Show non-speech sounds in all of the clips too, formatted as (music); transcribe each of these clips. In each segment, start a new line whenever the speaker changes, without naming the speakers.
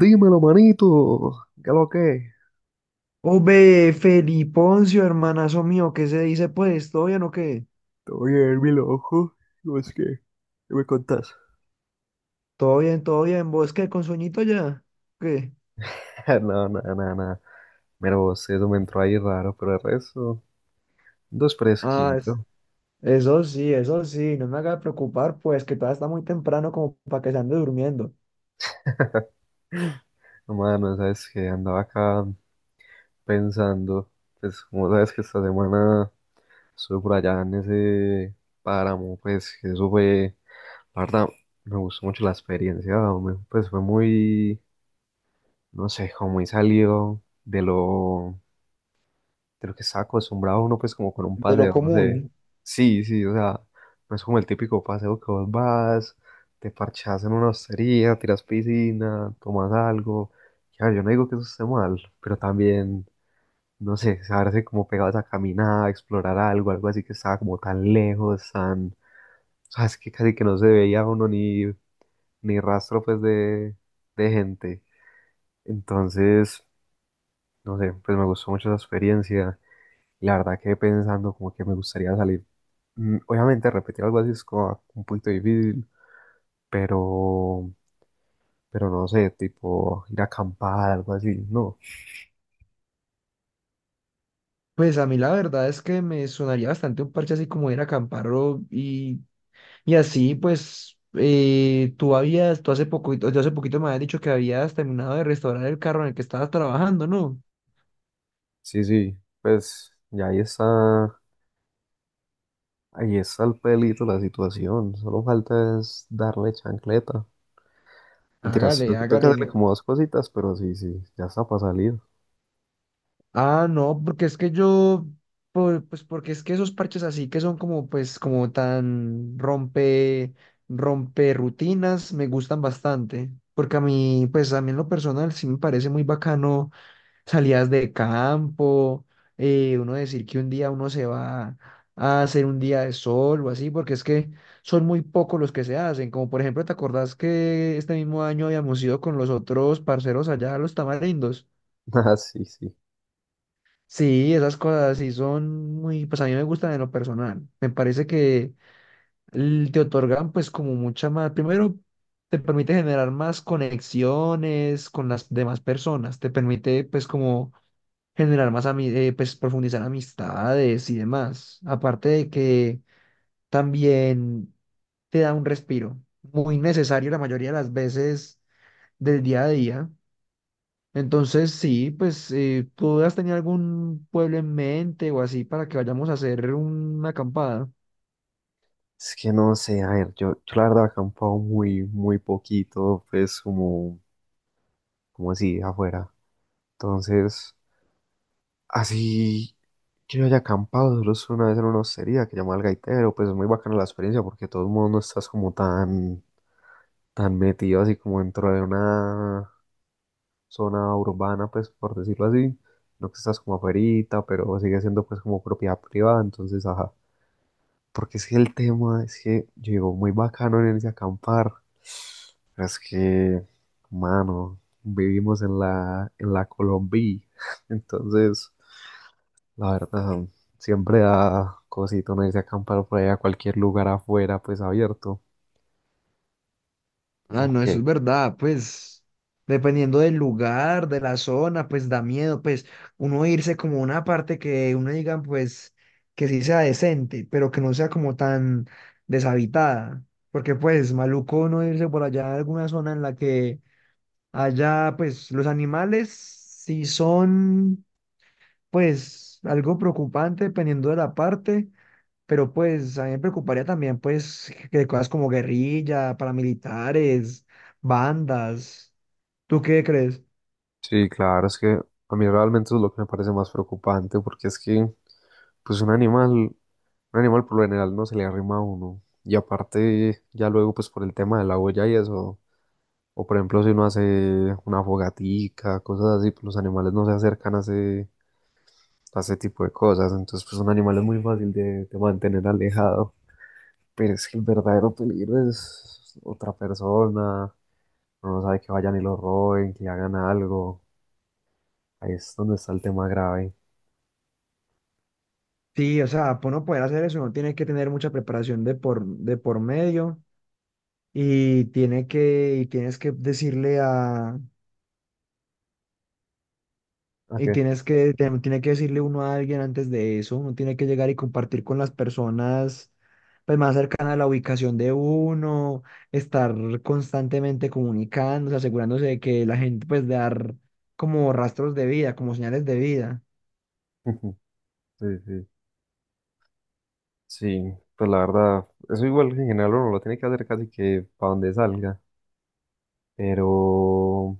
Dímelo, manito. ¿Qué lo que?
Hombre, Feliponcio, hermanazo mío, ¿qué se dice pues? ¿Todo bien o qué?
Te voy a ver mi ojo. No es que, ¿qué me contás?
Todo bien, todo bien. ¿Vos qué? ¿Con sueñito ya? ¿Qué?
(laughs) No, no, no, no. Mira vos, eso me entró ahí raro, pero el resto, dos
Ah,
fresquito.
eso sí, eso sí. No me haga preocupar, pues, que todavía está muy temprano como para que se ande durmiendo.
No, mano, sabes que andaba acá pensando, pues como sabes que esta semana estuve por allá en ese páramo, pues que eso fue, la verdad, me gustó mucho la experiencia, hombre, pues fue muy, no sé, como muy salido de lo que estaba acostumbrado uno, pues como con un
De lo
paseo, no sé.
común.
Sí, sí, o sea, no es como el típico paseo que vos vas, te parchás en una hostería, tiras piscina, tomas algo. Ya, yo no digo que eso esté mal, pero también, no sé, saberse como pegados a caminar, a explorar algo, algo así que estaba como tan lejos, tan, sabes que casi que no se veía uno ni, rastro, pues, de gente. Entonces, no sé, pues me gustó mucho esa experiencia. Y la verdad quedé pensando como que me gustaría salir. Obviamente repetir algo así es como un poquito difícil, pero, pero no sé, tipo ir a acampar, algo así, no.
Pues a mí la verdad es que me sonaría bastante un parche así como ir a acampar y así, pues, tú habías, tú hace poquito, yo hace poquito me habías dicho que habías terminado de restaurar el carro en el que estabas trabajando, ¿no?
Sí, sí, pues ya ahí está, el pelito la situación, solo falta es darle chancleta. Mentiras,
Hágale,
tengo que
hágale.
hacerle como dos cositas, pero sí, sí, ya está para salir.
Ah, no, porque es que yo, pues porque es que esos parches así que son como, pues, como tan rompe rutinas, me gustan bastante. Porque a mí, pues a mí en lo personal sí me parece muy bacano salidas de campo, uno decir que un día uno se va a hacer un día de sol o así, porque es que son muy pocos los que se hacen. Como por ejemplo, ¿te acordás que este mismo año habíamos ido con los otros parceros allá a los tamarindos?
(laughs) Ah, sí, sí.
Sí, esas cosas sí son muy, pues a mí me gustan en lo personal. Me parece que te otorgan pues como mucha más, primero te permite generar más conexiones con las demás personas, te permite pues como generar más, pues profundizar amistades y demás. Aparte de que también te da un respiro muy necesario la mayoría de las veces del día a día. Entonces, sí, pues, ¿tú has tenido algún pueblo en mente o así para que vayamos a hacer una acampada?
Es que no sé, a ver, yo la verdad he acampado muy, muy poquito, pues como así, afuera. Entonces, así que yo haya acampado, solo es una vez en una hostería que llamaba el gaitero, pues es muy bacana la experiencia porque de todos modos no estás como tan, tan metido así como dentro de una zona urbana, pues por decirlo así, no que estás como afuerita, pero sigue siendo pues como propiedad privada, entonces, ajá. Porque es que el tema es que yo digo, muy bacano en irse a acampar, pero es que, mano, vivimos en la Colombia, (laughs) entonces... La verdad, siempre da cosito no irse a acampar por ahí a cualquier lugar afuera, pues abierto.
Ah, no,
Ok.
eso es verdad, pues dependiendo del lugar, de la zona, pues da miedo, pues uno irse como a una parte que uno diga, pues que sí sea decente, pero que no sea como tan deshabitada, porque pues maluco uno irse por allá a alguna zona en la que haya, pues los animales sí son pues algo preocupante dependiendo de la parte, pero pues a mí me preocuparía también pues que cosas como guerrilla, paramilitares, bandas. ¿Tú qué crees?
Sí, claro, es que a mí realmente es lo que me parece más preocupante, porque es que, pues un animal por lo general no se le arrima a uno. Y aparte, ya luego, pues por el tema de la huella y eso, o por ejemplo, si uno hace una fogatica, cosas así, pues los animales no se acercan a ese tipo de cosas. Entonces, pues un animal es muy fácil de mantener alejado. Pero es que el verdadero peligro es otra persona, uno no sabe que vayan y lo roben, que hagan algo. Ahí es donde está el tema grave.
Sí, o sea, para uno poder hacer eso, uno tiene que tener mucha preparación de por medio y tiene que, y tienes que decirle a,
Ok.
Tiene que decirle uno a alguien antes de eso, uno tiene que llegar y compartir con las personas pues, más cercanas a la ubicación de uno, estar constantemente comunicándose, asegurándose de que la gente pues dar como rastros de vida, como señales de vida.
(laughs) Sí, sí. Sí, pues la verdad, eso igual en general uno lo tiene que hacer casi que para donde salga. Pero,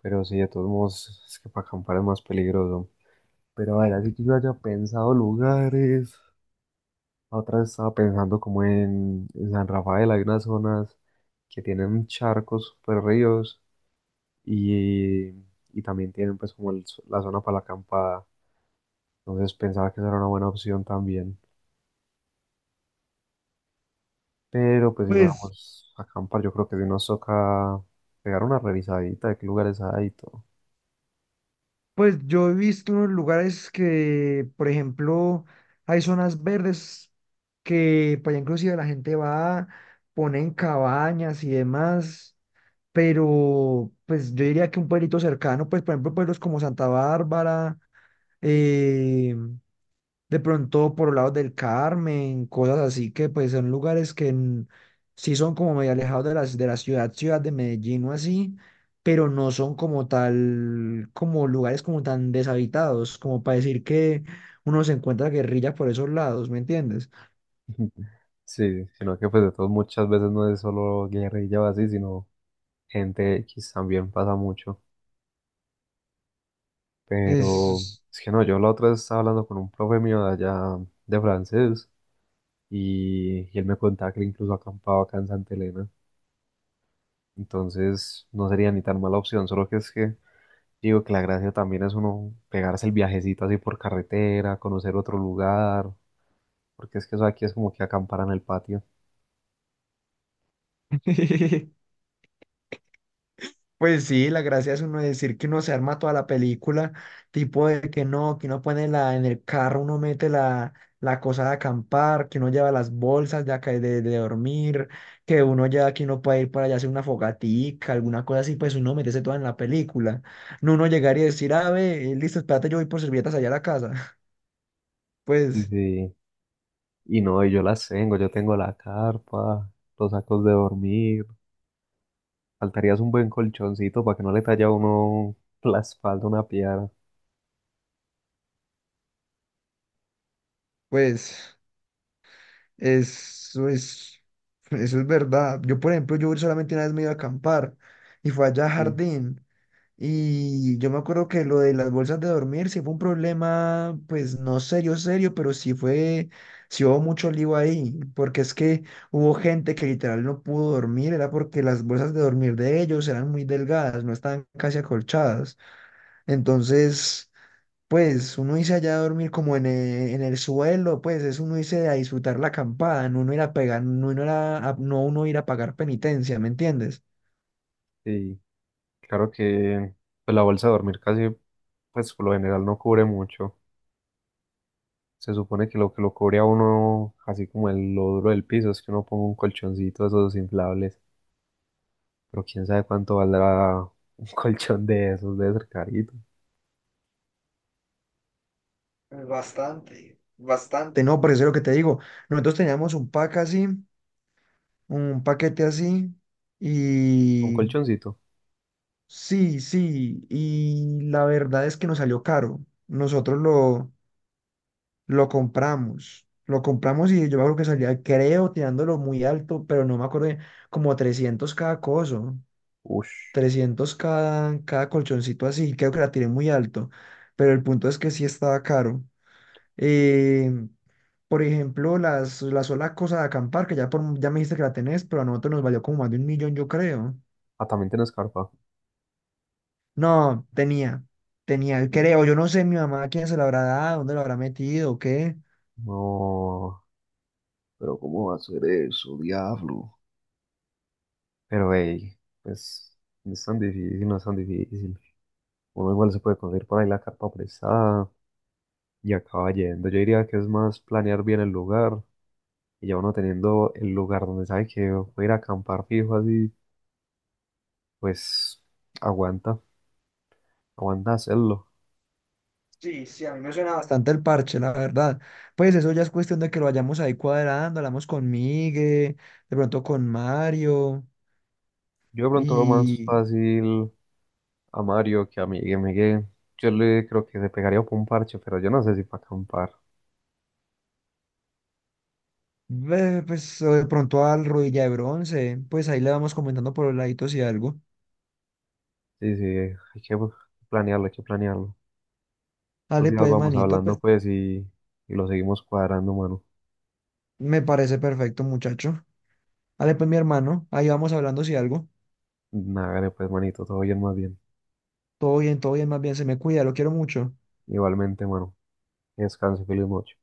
pero sí, de todos modos, es que para acampar es más peligroso. Pero a ver, así que yo haya pensado lugares. La otra vez estaba pensando como en, San Rafael, hay unas zonas que tienen charcos, super ríos y, y también tienen pues como el la zona para la acampada. Entonces pensaba que esa era una buena opción también. Pero pues si
Pues,
fuéramos a acampar, yo creo que si nos toca pegar una revisadita de qué lugares hay y todo.
pues yo he visto unos lugares que, por ejemplo, hay zonas verdes que pues ya inclusive la gente va, ponen cabañas y demás, pero pues yo diría que un pueblito cercano, pues por ejemplo pueblos como Santa Bárbara, eh, de pronto por lados del Carmen, cosas así que pues son lugares que sí son como medio alejados de las de la ciudad, ciudad de Medellín o así, pero no son como tal, como lugares como tan deshabitados, como para decir que uno se encuentra guerrilla por esos lados, ¿me entiendes?
(laughs) Sí, sino que pues de todos muchas veces no es solo guerrilla o así, sino gente X también pasa mucho. Pero
Es...
es que no, yo la otra vez estaba hablando con un profe mío de allá de francés y él me contaba que él incluso acampaba acá en Santa Elena. Entonces no sería ni tan mala opción, solo que es que digo que la gracia también es uno pegarse el viajecito así por carretera, conocer otro lugar, porque es que eso aquí es como que acampar en el patio.
(laughs) Pues sí, la gracia es uno decir que uno se arma toda la película, tipo de que no, que uno pone la, en el carro, uno mete la, la cosa de acampar, que uno lleva las bolsas de, de dormir, que uno ya, que uno puede ir para allá a hacer una fogatica, alguna cosa así, pues uno meterse toda en la película. No uno llegar y decir, ah, ve, listo, espérate, yo voy por servilletas allá a la casa. (laughs)
Y,
Pues,
sí, y no, y yo tengo la carpa, los sacos de dormir, faltarías un buen colchoncito para que no le talle a uno la espalda una piedra.
pues. Eso es, eso es verdad. Yo, por ejemplo, yo solamente una vez me iba a acampar y fue allá a
Sí,
Jardín. Y yo me acuerdo que lo de las bolsas de dormir sí fue un problema, pues no serio, serio, pero sí hubo mucho lío ahí, porque es que hubo gente que literal no pudo dormir, era porque las bolsas de dormir de ellos eran muy delgadas, no estaban casi acolchadas. Entonces... Pues uno irse allá a dormir como en el suelo, pues es uno irse a disfrutar la acampada, no uno ir a pegar, no uno ir no uno ir a pagar penitencia, ¿me entiendes?
sí, claro que pues, la bolsa de dormir casi, pues por lo general no cubre mucho. Se supone que lo cubre a uno, así como el lodro del piso, es que uno ponga un colchoncito de esos inflables. Pero quién sabe cuánto valdrá un (laughs) colchón de esos, debe ser carito.
Bastante, bastante. No, por eso es lo que te digo. Nosotros teníamos un pack así, un paquete así,
Un
y
colchoncito.
sí, sí, y la verdad es que nos salió caro. Nosotros lo, Lo compramos. Lo compramos y yo me acuerdo que salía, creo, tirándolo muy alto, pero no me acuerdo, bien, como 300 cada coso,
Ush.
300 cada colchoncito así. Creo que la tiré muy alto, pero el punto es que sí estaba caro. Eh, por ejemplo, la sola cosa de acampar, que ya, por, ya me dijiste que la tenés, pero a nosotros nos valió como más de 1.000.000, yo creo.
Ah, también tiene escarpa.
No, creo, yo no sé mi mamá quién se la habrá dado, dónde la habrá metido, o qué.
No, pero ¿cómo va a ser eso, diablo? Pero hey, pues no es tan difícil, no es tan difícil. Uno igual se puede conseguir por ahí la carpa prestada y acaba yendo. Yo diría que es más planear bien el lugar y ya uno teniendo el lugar donde sabe que voy a ir a acampar fijo así, pues aguanta, aguanta hacerlo.
Sí, sí, a mí me suena bastante el parche, la verdad. Pues eso ya es cuestión de que lo vayamos ahí cuadrando, hablamos con Migue, de pronto con Mario
Yo de pronto veo más
y
fácil a Mario que a Miguel. Miguel, yo le creo que se pegaría por un parche, pero yo no sé si para acampar.
ve, pues o de pronto al Rodilla de Bronce, pues ahí le vamos comentando por los laditos y algo.
Sí, sí, hay que planearlo, hay que planearlo. Los
Dale
días
pues,
vamos
manito,
hablando
pues
pues y, lo seguimos cuadrando, mano.
me parece perfecto, muchacho. Dale pues, mi hermano, ahí vamos hablando si algo.
Nada, pues manito, todo bien más bien.
Todo bien, más bien, se me cuida, lo quiero mucho.
Igualmente, mano. Que descanse, feliz noche.